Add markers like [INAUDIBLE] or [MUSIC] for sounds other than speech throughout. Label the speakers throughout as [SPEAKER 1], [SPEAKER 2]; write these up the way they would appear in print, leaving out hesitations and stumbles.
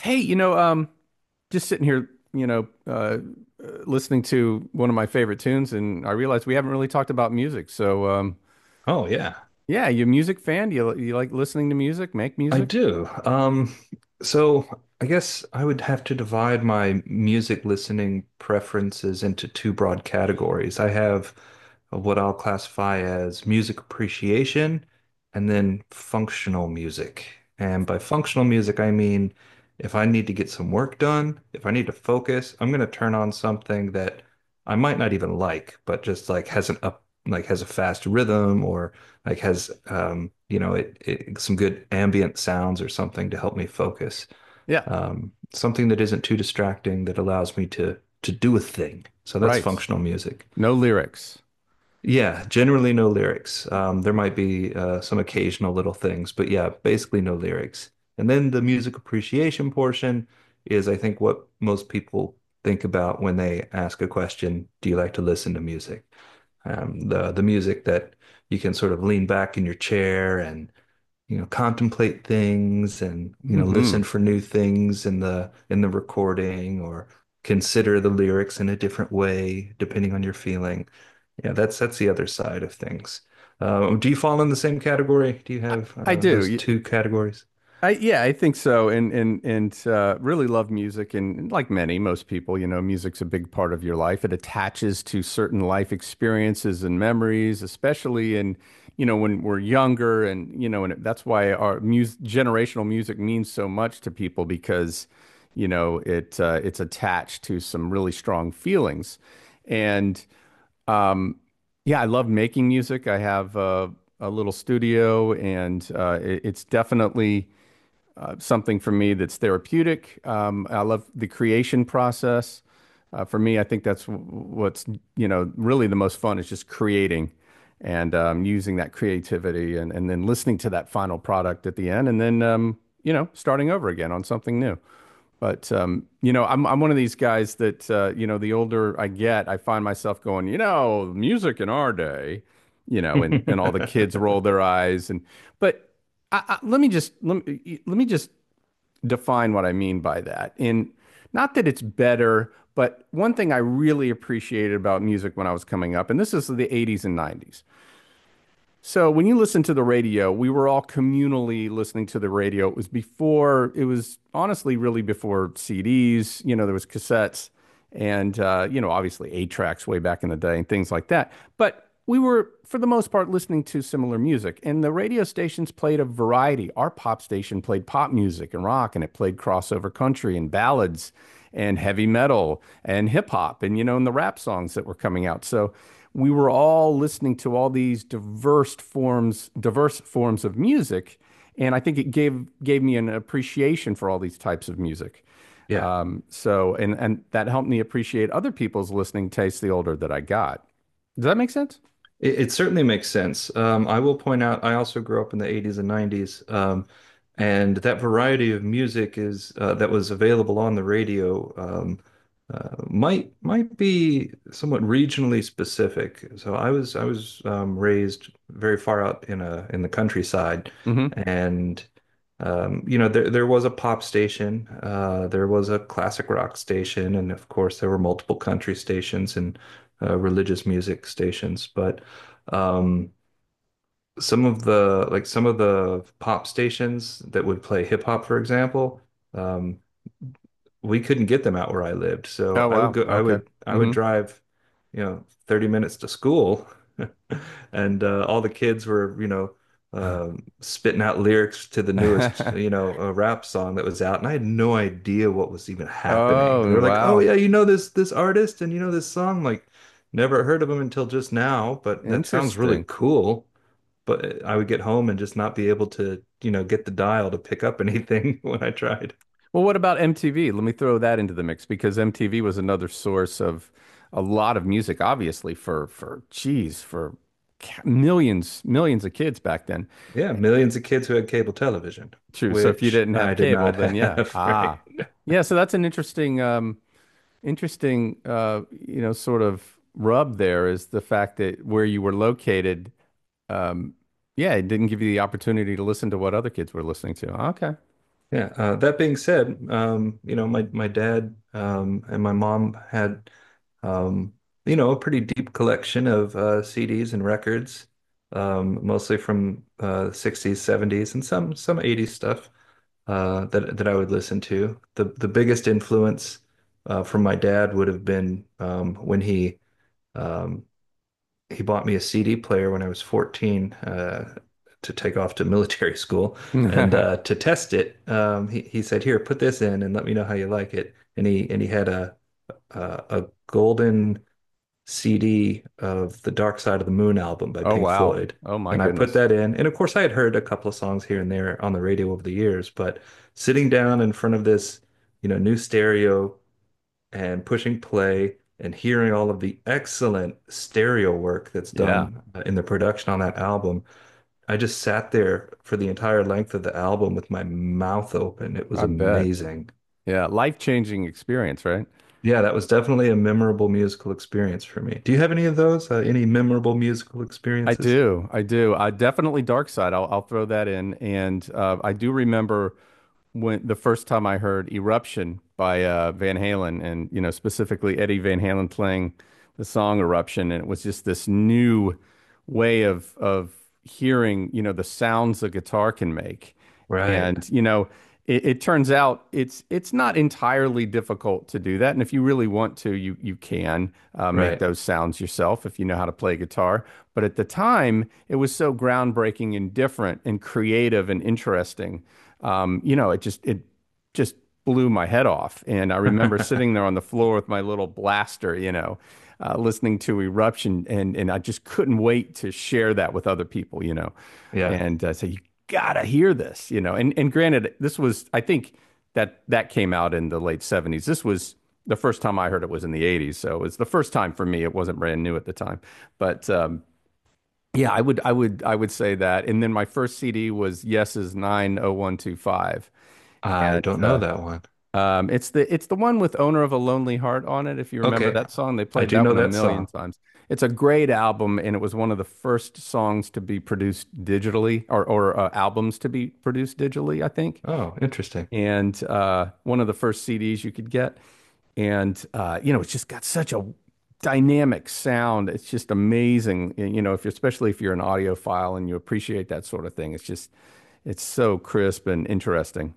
[SPEAKER 1] Hey, you know, um, just sitting here, listening to one of my favorite tunes, and I realized we haven't really talked about music.
[SPEAKER 2] Oh yeah,
[SPEAKER 1] Yeah, you a music fan? Do you like listening to music? Make
[SPEAKER 2] I
[SPEAKER 1] music?
[SPEAKER 2] do. So I guess I would have to divide my music listening preferences into two broad categories. I have what I'll classify as music appreciation, and then functional music. And by functional music, I mean if I need to get some work done, if I need to focus, I'm going to turn on something that I might not even like, but just like has an like has a fast rhythm, or like has you know it, it some good ambient sounds or something to help me focus.
[SPEAKER 1] Yeah.
[SPEAKER 2] Something that isn't too distracting that allows me to do a thing. So that's
[SPEAKER 1] Right.
[SPEAKER 2] functional music.
[SPEAKER 1] No lyrics.
[SPEAKER 2] Yeah, generally no lyrics. There might be some occasional little things, but yeah, basically no lyrics. And then the music appreciation portion is, I think, what most people think about when they ask a question, do you like to listen to music? The music that you can sort of lean back in your chair and you know, contemplate things, and you know,
[SPEAKER 1] Hmm.
[SPEAKER 2] listen for new things in the recording, or consider the lyrics in a different way depending on your feeling. Yeah, that's the other side of things. Do you fall in the same category? Do you
[SPEAKER 1] I,
[SPEAKER 2] have
[SPEAKER 1] I
[SPEAKER 2] those
[SPEAKER 1] do.
[SPEAKER 2] two categories?
[SPEAKER 1] I yeah, I think so, and really love music, and like many, most people, you know, music's a big part of your life. It attaches to certain life experiences and memories, especially when we're younger, and you know, and that's why our mus generational music means so much to people because, you know, it's attached to some really strong feelings, and um, yeah, I love making music. I have a little studio, and it's definitely something for me that's therapeutic. I love the creation process. For me, I think that's really the most fun is just creating and using that creativity, and then listening to that final product at the end, and then starting over again on something new. But I'm one of these guys that, the older I get, I find myself going, you know, music in our day, you know, and, all the kids roll
[SPEAKER 2] [LAUGHS]
[SPEAKER 1] their eyes. And but I, let me just define what I mean by that. And not that it's better, but one thing I really appreciated about music when I was coming up, and this is the 80s and 90s. So when you listen to the radio, we were all communally listening to the radio. It was it was honestly really before CDs. You know, there was cassettes and you know, obviously eight tracks way back in the day and things like that. But we were, for the most part, listening to similar music. And the radio stations played a variety. Our pop station played pop music and rock, and it played crossover country and ballads and heavy metal and hip hop and, you know, and the rap songs that were coming out. So we were all listening to all these diverse forms of music, and I think it gave me an appreciation for all these types of music.
[SPEAKER 2] Yeah.
[SPEAKER 1] And that helped me appreciate other people's listening tastes the older that I got. Does that make sense?
[SPEAKER 2] It certainly makes sense. I will point out, I also grew up in the 80s and 90s, and that variety of music is that was available on the radio might be somewhat regionally specific. So I was raised very far out in a in the countryside,
[SPEAKER 1] Hmm.
[SPEAKER 2] and you know, there was a pop station, there was a classic rock station, and of course there were multiple country stations and religious music stations. But um, some of the pop stations that would play hip hop, for example, um, we couldn't get them out where I lived. So
[SPEAKER 1] Oh,
[SPEAKER 2] I would
[SPEAKER 1] wow.
[SPEAKER 2] go,
[SPEAKER 1] Okay.
[SPEAKER 2] I would
[SPEAKER 1] Hmm.
[SPEAKER 2] drive, you know, 30 minutes to school, [LAUGHS] and all the kids were, you know, uh, spitting out lyrics to the newest, you
[SPEAKER 1] [LAUGHS]
[SPEAKER 2] know, rap song that was out, and I had no idea what was even happening.
[SPEAKER 1] Oh,
[SPEAKER 2] They're like, "Oh
[SPEAKER 1] wow.
[SPEAKER 2] yeah, you know this artist, and you know this song." I'm like, never heard of him until just now, but that sounds really
[SPEAKER 1] Interesting.
[SPEAKER 2] cool. But I would get home and just not be able to, you know, get the dial to pick up [LAUGHS] anything when I tried.
[SPEAKER 1] Well, what about MTV? Let me throw that into the mix, because MTV was another source of a lot of music, obviously, for geez, for millions, millions of kids back then.
[SPEAKER 2] Yeah, millions of kids who had cable television,
[SPEAKER 1] True. So if you
[SPEAKER 2] which
[SPEAKER 1] didn't have
[SPEAKER 2] I did
[SPEAKER 1] cable,
[SPEAKER 2] not [LAUGHS]
[SPEAKER 1] then yeah.
[SPEAKER 2] have, right?
[SPEAKER 1] Ah. Yeah, so that's an interesting sort of rub there is the fact that where you were located, um, yeah, it didn't give you the opportunity to listen to what other kids were listening to.
[SPEAKER 2] Yeah. That being said, you know, my dad and my mom had, um, you know, a pretty deep collection of CDs and records, mostly from 60s, 70s, and some 80s stuff, that I would listen to. The biggest influence from my dad would have been when um, he bought me a CD player when I was 14, to take off to military [LAUGHS] school, and
[SPEAKER 1] Okay. [LAUGHS]
[SPEAKER 2] to test it. He said, "Here, put this in and let me know how you like it." And he had a, a golden CD of the Dark Side of the Moon album by
[SPEAKER 1] Oh,
[SPEAKER 2] Pink
[SPEAKER 1] wow.
[SPEAKER 2] Floyd.
[SPEAKER 1] Oh, my
[SPEAKER 2] And I put
[SPEAKER 1] goodness.
[SPEAKER 2] that in. And of course, I had heard a couple of songs here and there on the radio over the years, but sitting down in front of this, you know, new stereo and pushing play and hearing all of the excellent stereo work that's
[SPEAKER 1] Yeah,
[SPEAKER 2] done in the production on that album, I just sat there for the entire length of the album with my mouth open. It was
[SPEAKER 1] I bet.
[SPEAKER 2] amazing.
[SPEAKER 1] Yeah, life-changing experience, right?
[SPEAKER 2] Yeah, that was definitely a memorable musical experience for me. Do you have any of those? Any memorable musical
[SPEAKER 1] I
[SPEAKER 2] experiences?
[SPEAKER 1] do. I do. I definitely Dark Side. I'll throw that in. And I do remember when the first time I heard Eruption by Van Halen, and, you know, specifically Eddie Van Halen playing the song Eruption. And it was just this new way of hearing, you know, the sounds a guitar can make.
[SPEAKER 2] Right,
[SPEAKER 1] And, you know, it turns out it's not entirely difficult to do that. And if you really want to, you can make
[SPEAKER 2] right.
[SPEAKER 1] those sounds yourself if you know how to play guitar. But at the time, it was so groundbreaking and different and creative and interesting. It just blew my head off. And I remember sitting there
[SPEAKER 2] [LAUGHS]
[SPEAKER 1] on the floor with my little blaster, you know, listening to Eruption, and I just couldn't wait to share that with other people, you know,
[SPEAKER 2] Yeah,
[SPEAKER 1] and say you gotta hear this, you know. And granted, this was I think that came out in the late 70s. This was the first time I heard it was in the 80s, so it was the first time for me. It wasn't brand new at the time, but. Yeah, I would say that. And then my first CD was Yes's nine oh one two five,
[SPEAKER 2] I
[SPEAKER 1] and
[SPEAKER 2] don't know that one.
[SPEAKER 1] it's the one with "Owner of a Lonely Heart" on it. If you remember
[SPEAKER 2] Okay,
[SPEAKER 1] that song, they
[SPEAKER 2] I
[SPEAKER 1] played
[SPEAKER 2] do
[SPEAKER 1] that
[SPEAKER 2] know
[SPEAKER 1] one a
[SPEAKER 2] that
[SPEAKER 1] million
[SPEAKER 2] song.
[SPEAKER 1] times. It's a great album, and it was one of the first songs to be produced digitally, or albums to be produced digitally, I think,
[SPEAKER 2] Oh, interesting.
[SPEAKER 1] and one of the first CDs you could get. And you know, it's just got such a dynamic sound. It's just amazing. You know, if you're especially if you're an audiophile and you appreciate that sort of thing, it's just it's so crisp and interesting.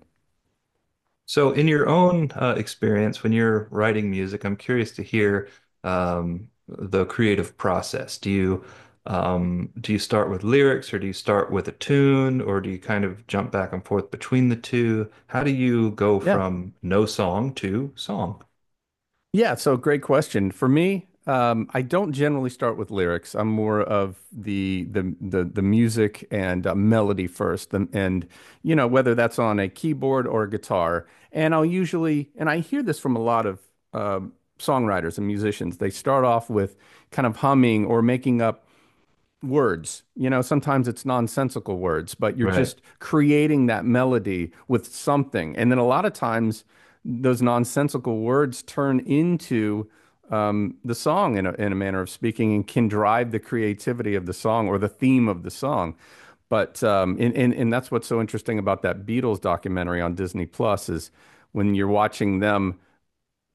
[SPEAKER 2] So, in your own experience, when you're writing music, I'm curious to hear the creative process. Do you start with lyrics, or do you start with a tune, or do you kind of jump back and forth between the two? How do you go
[SPEAKER 1] Yeah.
[SPEAKER 2] from no song to song?
[SPEAKER 1] Yeah, so great question. For me, I don't generally start with lyrics. I'm more of the music and melody first, and, you know, whether that's on a keyboard or a guitar. And I'll usually, and I hear this from a lot of um songwriters and musicians. They start off with kind of humming or making up words. You know, sometimes it's nonsensical words, but you're
[SPEAKER 2] Right,
[SPEAKER 1] just creating that melody with something. And then a lot of times those nonsensical words turn into the song in a manner of speaking, and can drive the creativity of the song or the theme of the song. But and that's what's so interesting about that Beatles documentary on Disney Plus is when you're watching them,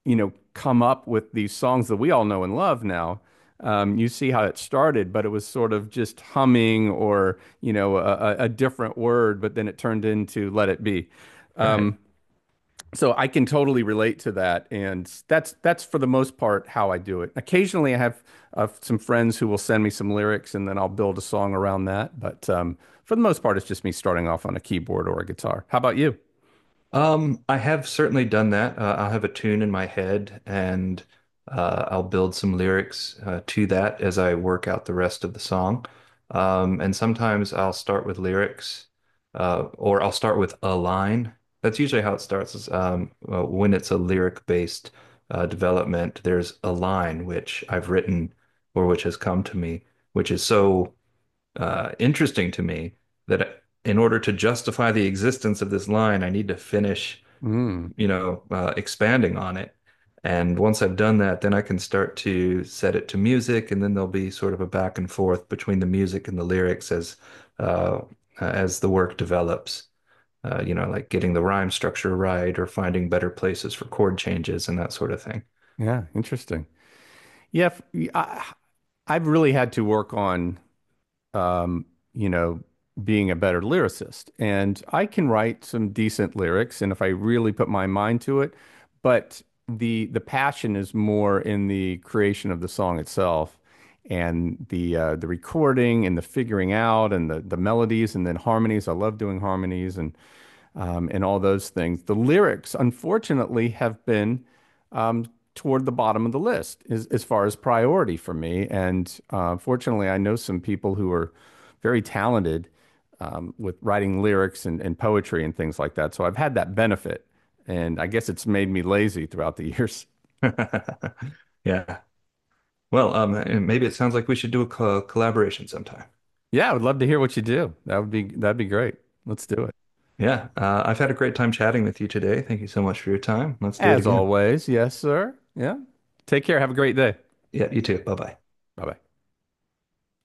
[SPEAKER 1] you know, come up with these songs that we all know and love now. You see how it started, but it was sort of just humming or, you know, a different word, but then it turned into Let It Be.
[SPEAKER 2] right.
[SPEAKER 1] So I can totally relate to that, and that's for the most part how I do it. Occasionally, I have some friends who will send me some lyrics, and then I'll build a song around that. But for the most part, it's just me starting off on a keyboard or a guitar. How about you?
[SPEAKER 2] I have certainly done that. I'll have a tune in my head, and I'll build some lyrics to that as I work out the rest of the song. And sometimes I'll start with lyrics, or I'll start with a line. That's usually how it starts is, when it's a lyric-based development, there's a line which I've written or which has come to me, which is so interesting to me that in order to justify the existence of this line, I need to finish,
[SPEAKER 1] Mm,
[SPEAKER 2] you know, expanding on it. And once I've done that, then I can start to set it to music, and then there'll be sort of a back and forth between the music and the lyrics uh, as the work develops, you know, like getting the rhyme structure right or finding better places for chord changes and that sort of thing.
[SPEAKER 1] yeah, interesting. Yeah, f- I, I've really had to work on, um, you know, being a better lyricist. And I can write some decent lyrics, and if I really put my mind to it, but the passion is more in the creation of the song itself, and the recording and the figuring out and the melodies and then harmonies. I love doing harmonies and all those things. The lyrics, unfortunately, have been toward the bottom of the list as far as priority for me. And fortunately, I know some people who are very talented with writing lyrics and poetry and things like that. So I've had that benefit. And I guess it's made me lazy throughout the [LAUGHS] years.
[SPEAKER 2] [LAUGHS] Yeah. Well, and maybe it sounds like we should do a co collaboration sometime.
[SPEAKER 1] Yeah, I would love to hear what you do. That would be that'd be great. Let's do it.
[SPEAKER 2] Yeah. I've had a great time chatting with you today. Thank you so much for your time. Let's do it
[SPEAKER 1] As
[SPEAKER 2] again.
[SPEAKER 1] always, yes, sir. Yeah. Take care. Have a great day.
[SPEAKER 2] Yeah, you too. Bye bye.
[SPEAKER 1] Bye bye.